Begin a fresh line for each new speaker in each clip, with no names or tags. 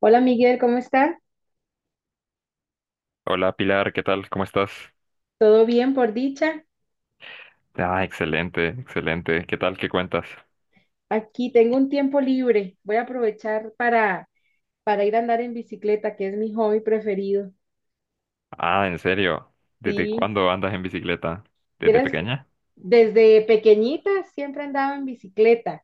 Hola Miguel, ¿cómo está?
Hola Pilar, ¿qué tal? ¿Cómo estás?
¿Todo bien por dicha?
Ah, excelente, excelente. ¿Qué tal? ¿Qué cuentas?
Aquí tengo un tiempo libre. Voy a aprovechar para ir a andar en bicicleta, que es mi hobby preferido.
Ah, en serio. ¿Desde
Sí,
cuándo andas en bicicleta? ¿Desde
vieras,
pequeña?
desde pequeñita siempre andaba en bicicleta,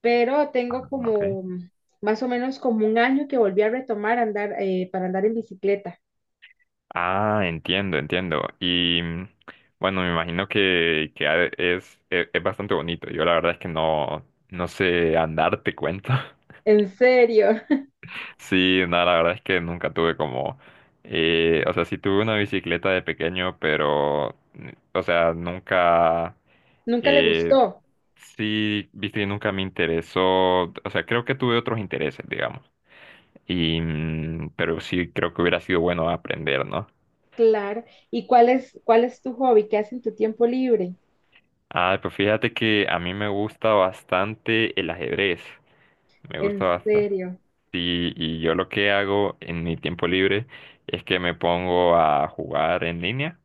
pero tengo
Ah, ok.
como más o menos como un año que volví a retomar andar para andar en bicicleta.
Ah, entiendo, entiendo. Y bueno, me imagino que es, bastante bonito. Yo la verdad es que no, no sé andar, te cuento.
¿En serio?
Sí, nada, la verdad es que nunca tuve como, o sea, sí tuve una bicicleta de pequeño, pero, o sea, nunca,
Nunca le
eh,
gustó.
sí, viste, nunca me interesó, o sea, creo que tuve otros intereses, digamos, y, pero sí creo que hubiera sido bueno aprender, ¿no?
Claro. ¿Y cuál es tu hobby? ¿Qué haces en tu tiempo libre?
Ah, pues fíjate que a mí me gusta bastante el ajedrez, me gusta
¿En
bastante,
serio?
sí, y yo lo que hago en mi tiempo libre es que me pongo a jugar en línea.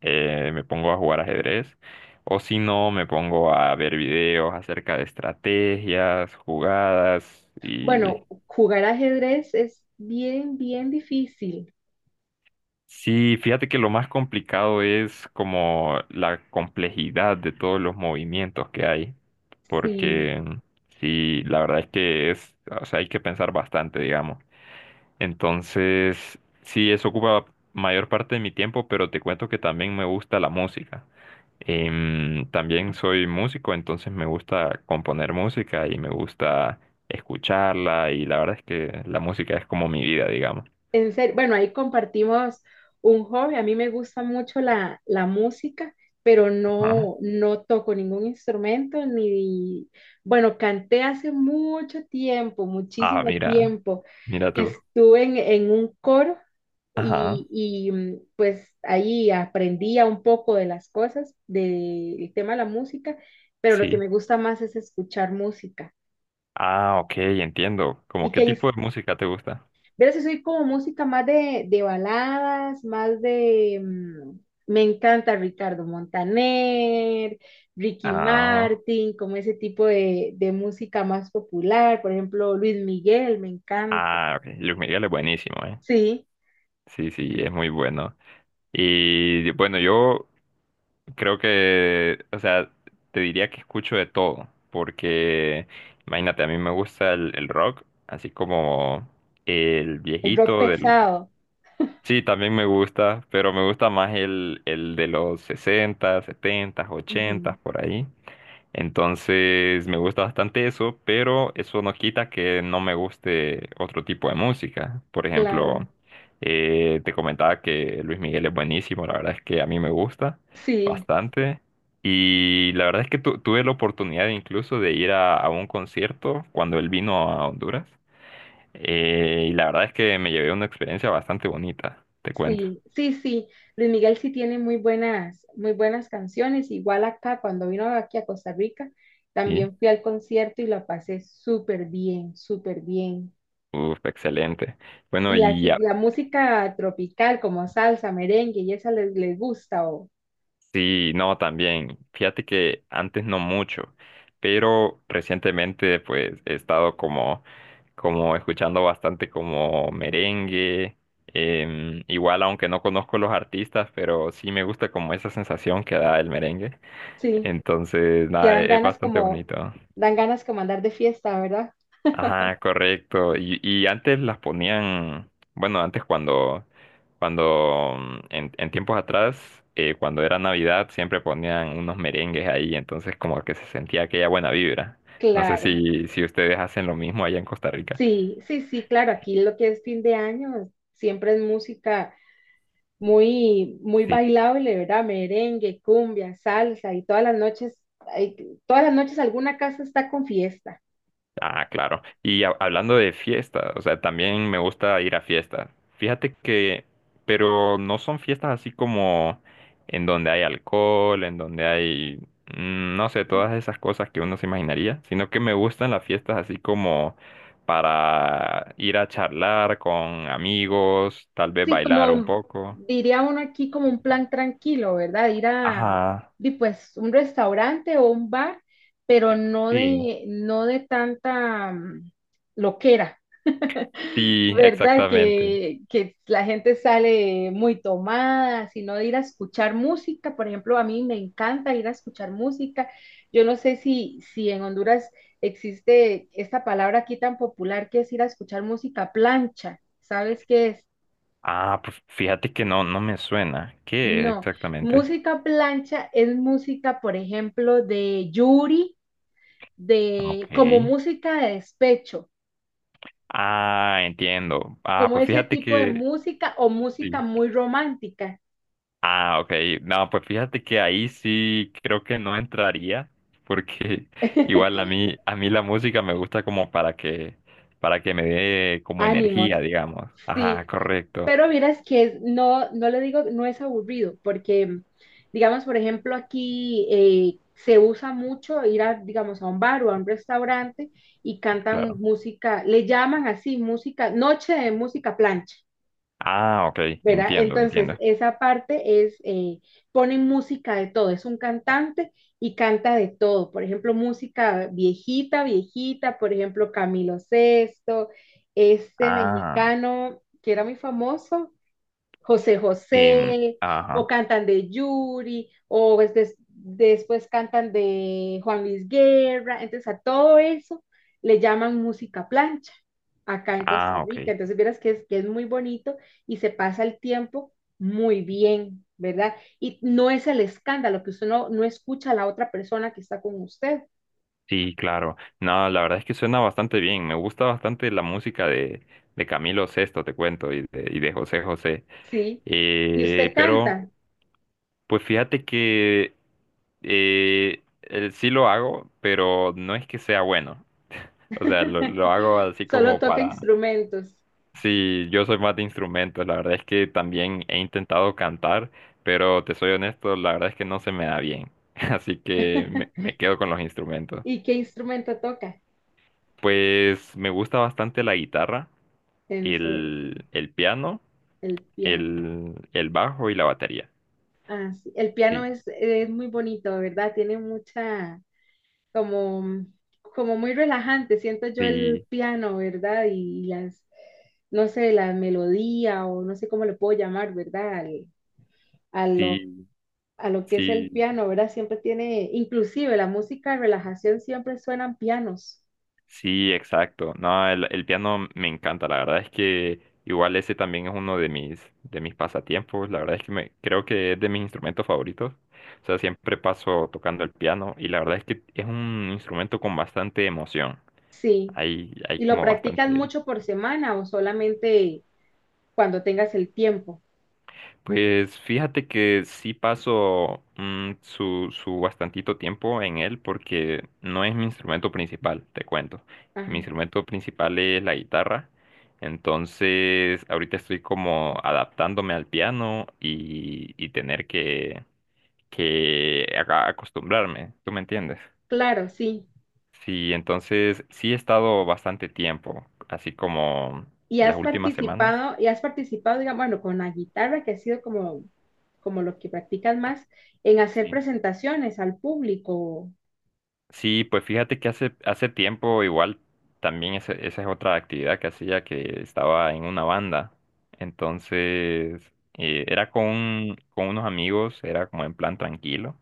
Me pongo a jugar ajedrez, o si no, me pongo a ver videos acerca de estrategias, jugadas, y
Bueno, jugar ajedrez es bien, bien difícil.
sí, fíjate que lo más complicado es como la complejidad de todos los movimientos que hay,
Sí,
porque sí, la verdad es que es, o sea, hay que pensar bastante, digamos. Entonces, sí, eso ocupa mayor parte de mi tiempo, pero te cuento que también me gusta la música. También soy músico, entonces me gusta componer música y me gusta escucharla y la verdad es que la música es como mi vida, digamos.
en serio, bueno, ahí compartimos un hobby. A mí me gusta mucho la música, pero
Ajá.
no toco ningún instrumento ni, bueno, canté hace mucho tiempo,
Ah,
muchísimo
mira,
tiempo,
mira
que
tú.
estuve en un coro
Ajá,
y pues ahí aprendía un poco de las cosas, del tema de la música, pero lo que
sí.
me gusta más es escuchar música.
Ah, ok, entiendo. ¿Cómo
¿Y
qué
qué?
tipo de música te gusta?
Verás que soy como música más de baladas, más de. Me encanta Ricardo Montaner, Ricky
Ah,
Martin, como ese tipo de música más popular. Por ejemplo, Luis Miguel, me encanta.
ah, ok. Luis Miguel es buenísimo, ¿eh?
Sí,
Sí, sí, es muy bueno. Y bueno, yo creo que, o sea, te diría que escucho de todo, porque imagínate, a mí me gusta el rock, así como el
el rock
viejito del.
pesado.
Sí, también me gusta, pero me gusta más el de los 60 70,
Ujú,
80, por ahí. Entonces me gusta bastante eso, pero eso no quita que no me guste otro tipo de música. Por
claro.
ejemplo, te comentaba que Luis Miguel es buenísimo, la verdad es que a mí me gusta
Sí,
bastante. Y la verdad es que tuve la oportunidad incluso de ir a un concierto cuando él vino a Honduras. Y la verdad es que me llevé una experiencia bastante bonita, te cuento.
sí, sí, sí. Luis Miguel sí tiene muy buenas canciones. Igual acá, cuando vino aquí a Costa Rica,
Sí,
también fui al concierto y la pasé súper bien, súper bien.
uf, excelente. Bueno,
Y
y,
así,
ya.
la música tropical como salsa, merengue y esa les, les gusta o
Sí, no, también. Fíjate que antes no mucho, pero recientemente pues he estado como, escuchando bastante como merengue. Igual aunque no conozco los artistas, pero sí me gusta como esa sensación que da el merengue.
sí,
Entonces,
que
nada, es bastante bonito.
dan ganas como andar de fiesta, ¿verdad?
Ajá, correcto. Y antes las ponían, bueno, antes cuando en tiempos atrás, cuando era Navidad, siempre ponían unos merengues ahí, entonces como que se sentía aquella buena vibra. No sé
Claro,
si, si ustedes hacen lo mismo allá en Costa Rica.
sí, sí, sí, claro, aquí lo que es fin de año siempre es música muy, muy
Sí,
bailable, ¿verdad? Merengue, cumbia, salsa y todas las noches, hay- todas las noches alguna casa está con fiesta.
ah, claro. Y hablando de fiestas, o sea, también me gusta ir a fiestas. Fíjate que, pero no son fiestas así como en donde hay alcohol, en donde hay, no sé, todas esas cosas que uno se imaginaría, sino que me gustan las fiestas así como para ir a charlar con amigos, tal vez
Sí,
bailar un
como
poco.
diría uno aquí, como un plan tranquilo, ¿verdad? Ir a,
Ajá.
di, pues, un restaurante o un bar, pero no
Sí.
de, no de tanta loquera,
Sí,
¿verdad?
exactamente.
Que la gente sale muy tomada, sino de ir a escuchar música. Por ejemplo, a mí me encanta ir a escuchar música. Yo no sé si, si en Honduras existe esta palabra aquí tan popular que es ir a escuchar música plancha. ¿Sabes qué es?
Ah, pues fíjate que no, no me suena. ¿Qué
No,
exactamente?
música plancha es música, por ejemplo, de Yuri, de
Ok.
como música de despecho,
Ah, entiendo. Ah,
como
pues
ese
fíjate
tipo de
que.
música o música
Sí.
muy romántica.
Ah, ok. No, pues fíjate que ahí sí creo que no entraría, porque igual a mí, a mí la música me gusta como para que me dé como
Ánimos,
energía, digamos.
sí.
Ajá, correcto.
Pero miras que es- no, no le digo, no es aburrido, porque, digamos, por ejemplo, aquí se usa mucho ir a, digamos, a un bar o a un restaurante y cantan
Claro.
música, le llaman así música, noche de música plancha.
Ah, ok.
¿Verdad?
Entiendo,
Entonces,
entiendo.
esa parte es, ponen música de todo, es un cantante y canta de todo, por ejemplo, música viejita, viejita, por ejemplo, Camilo Sesto, este
Ah,
mexicano que era muy famoso, José
em,
José, o
ajá.
cantan de Yuri, o pues des- después cantan de Juan Luis Guerra, entonces a todo eso le llaman música plancha acá en Costa
Ah,
Rica,
ok.
entonces vieras que es muy bonito y se pasa el tiempo muy bien, ¿verdad? Y no es el escándalo, que usted no, no escucha a la otra persona que está con usted.
Sí, claro. No, la verdad es que suena bastante bien. Me gusta bastante la música de Camilo Sesto, te cuento, y de José José.
¿Sí? Y
Eh,
usted
pero
canta,
pues fíjate que sí lo hago, pero no es que sea bueno. O sea, lo, lo hago así
solo
como
toca
para.
instrumentos.
Sí, yo soy más de instrumentos. La verdad es que también he intentado cantar, pero te soy honesto, la verdad es que no se me da bien. Así que me, me quedo con los instrumentos.
¿Y qué instrumento toca?
Pues me gusta bastante la guitarra,
¿En serio?
el piano,
El piano.
el bajo y la batería.
Ah, sí. El piano
Sí,
es muy bonito, ¿verdad? Tiene mucha, como, como muy relajante, siento yo el
sí,
piano, ¿verdad? Y las, no sé, la melodía o no sé cómo le puedo llamar, ¿verdad? Al- a lo,
sí,
a lo que es el
sí.
piano, ¿verdad? Siempre tiene, inclusive la música de relajación siempre suenan pianos.
Sí, exacto. No, el piano me encanta. La verdad es que igual ese también es uno de mis pasatiempos. La verdad es que creo que es de mis instrumentos favoritos. O sea, siempre paso tocando el piano y la verdad es que es un instrumento con bastante emoción.
Sí.
Hay
¿Y lo
como
practicas
bastante.
mucho por semana o solamente cuando tengas el tiempo?
Pues fíjate que sí paso su bastantito tiempo en él porque no es mi instrumento principal, te cuento. Mi
Ajá.
instrumento principal es la guitarra, entonces ahorita estoy como adaptándome al piano y tener que acostumbrarme, ¿tú me entiendes?
Claro, sí.
Sí, entonces sí he estado bastante tiempo, así como las últimas semanas.
Y has participado, digamos, bueno, con la guitarra, que ha sido como, como lo que practicas más, en hacer
Sí.
presentaciones al público.
Sí, pues fíjate que hace tiempo igual también esa es otra actividad que hacía que estaba en una banda. Entonces, era con unos amigos, era como en plan tranquilo.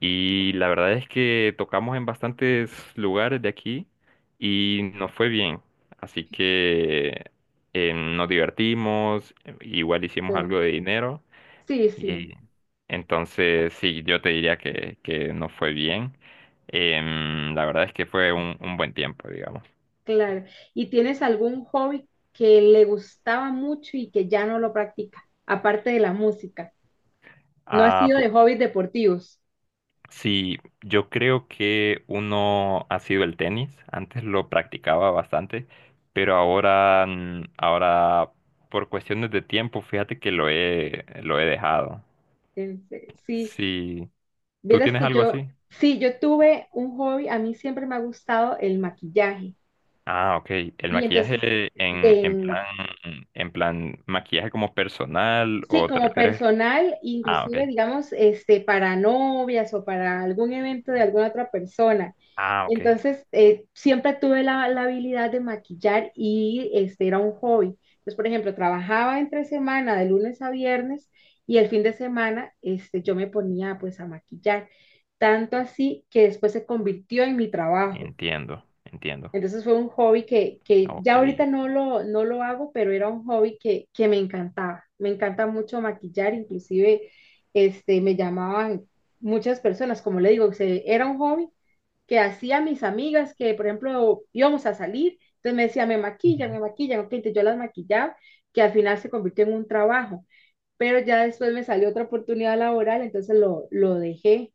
Y la verdad es que tocamos en bastantes lugares de aquí y nos fue bien. Así que nos divertimos, igual hicimos
Eh,
algo de dinero.
Sí, sí,
Y entonces, sí, yo te diría que no fue bien. La verdad es que fue un buen tiempo, digamos.
claro. ¿Y tienes algún hobby que le gustaba mucho y que ya no lo practica, aparte de la música? No ha
Ah,
sido de hobbies deportivos.
sí, yo creo que uno ha sido el tenis. Antes lo practicaba bastante, pero ahora por cuestiones de tiempo, fíjate que lo he dejado.
Este, sí,
Sí, ¿tú
vieras
tienes
que
algo
yo,
así?
sí, yo tuve un hobby, a mí siempre me ha gustado el maquillaje.
Ah, ok. ¿El
Y
maquillaje
entonces,
en
de-
plan, en plan, maquillaje como personal
sí,
o te
como
refieres?
personal,
Ah, ok.
inclusive, digamos, este, para novias o para algún evento de alguna otra persona.
Ah, ok.
Entonces, siempre tuve la, la habilidad de maquillar y este era un hobby. Entonces, por ejemplo, trabajaba entre semana de lunes a viernes y el fin de semana este, yo me ponía pues a maquillar. Tanto así que después se convirtió en mi trabajo.
Entiendo, entiendo.
Entonces fue un hobby que
Ok.
ya ahorita no lo hago, pero era un hobby que me encantaba. Me encanta mucho maquillar, inclusive este, me llamaban muchas personas, como le digo, o sea, era un hobby que hacía mis amigas que, por ejemplo, íbamos a salir, entonces me decía,
Ujú.
me maquillan, ok, entonces yo las maquillaba, que al final se convirtió en un trabajo, pero ya después me salió otra oportunidad laboral, entonces lo dejé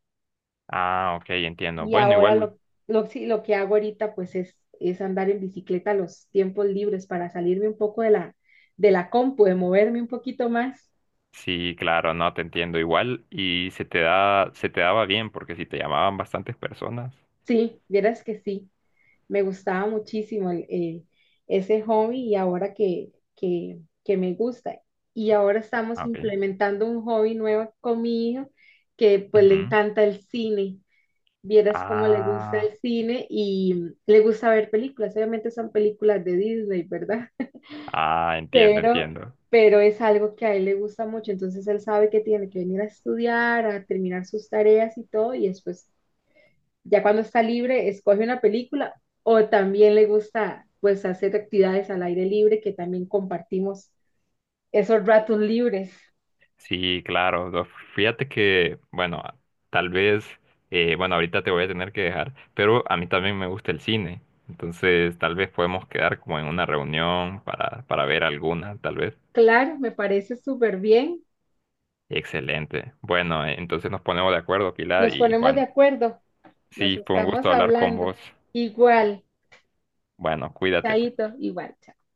Ah, ok, entiendo.
y
Bueno,
ahora
igual,
sí, lo que hago ahorita pues es andar en bicicleta los tiempos libres para salirme un poco de la compu, de moverme un poquito más.
sí, claro, no, te entiendo igual. Y se te da, se te daba bien, porque si te llamaban bastantes personas.
Sí, vieras que sí, me gustaba muchísimo el- ese hobby y ahora que me gusta. Y ahora estamos
Ah, ok.
implementando un hobby nuevo con mi hijo que pues le
Ujú.
encanta el cine. Vieras cómo le gusta
Ah,
el cine y le gusta ver películas. Obviamente son películas de Disney, ¿verdad?
ah, entiendo,
pero,
entiendo.
pero es algo que a él le gusta mucho, entonces él sabe que tiene que venir a estudiar, a terminar sus tareas y todo, y después, ya cuando está libre, escoge una película o también le gusta pues hacer actividades al aire libre que también compartimos esos ratos libres.
Sí, claro. No, fíjate que, bueno, tal vez, bueno, ahorita te voy a tener que dejar, pero a mí también me gusta el cine. Entonces, tal vez podemos quedar como en una reunión para, ver alguna, tal vez.
Claro, me parece súper bien.
Excelente. Bueno, entonces nos ponemos de acuerdo, Pilar,
Nos
y
ponemos de
bueno,
acuerdo, nos
sí, fue un
estamos
gusto hablar con
hablando.
vos.
Igual,
Bueno, cuídate.
chaito, igual. Chao.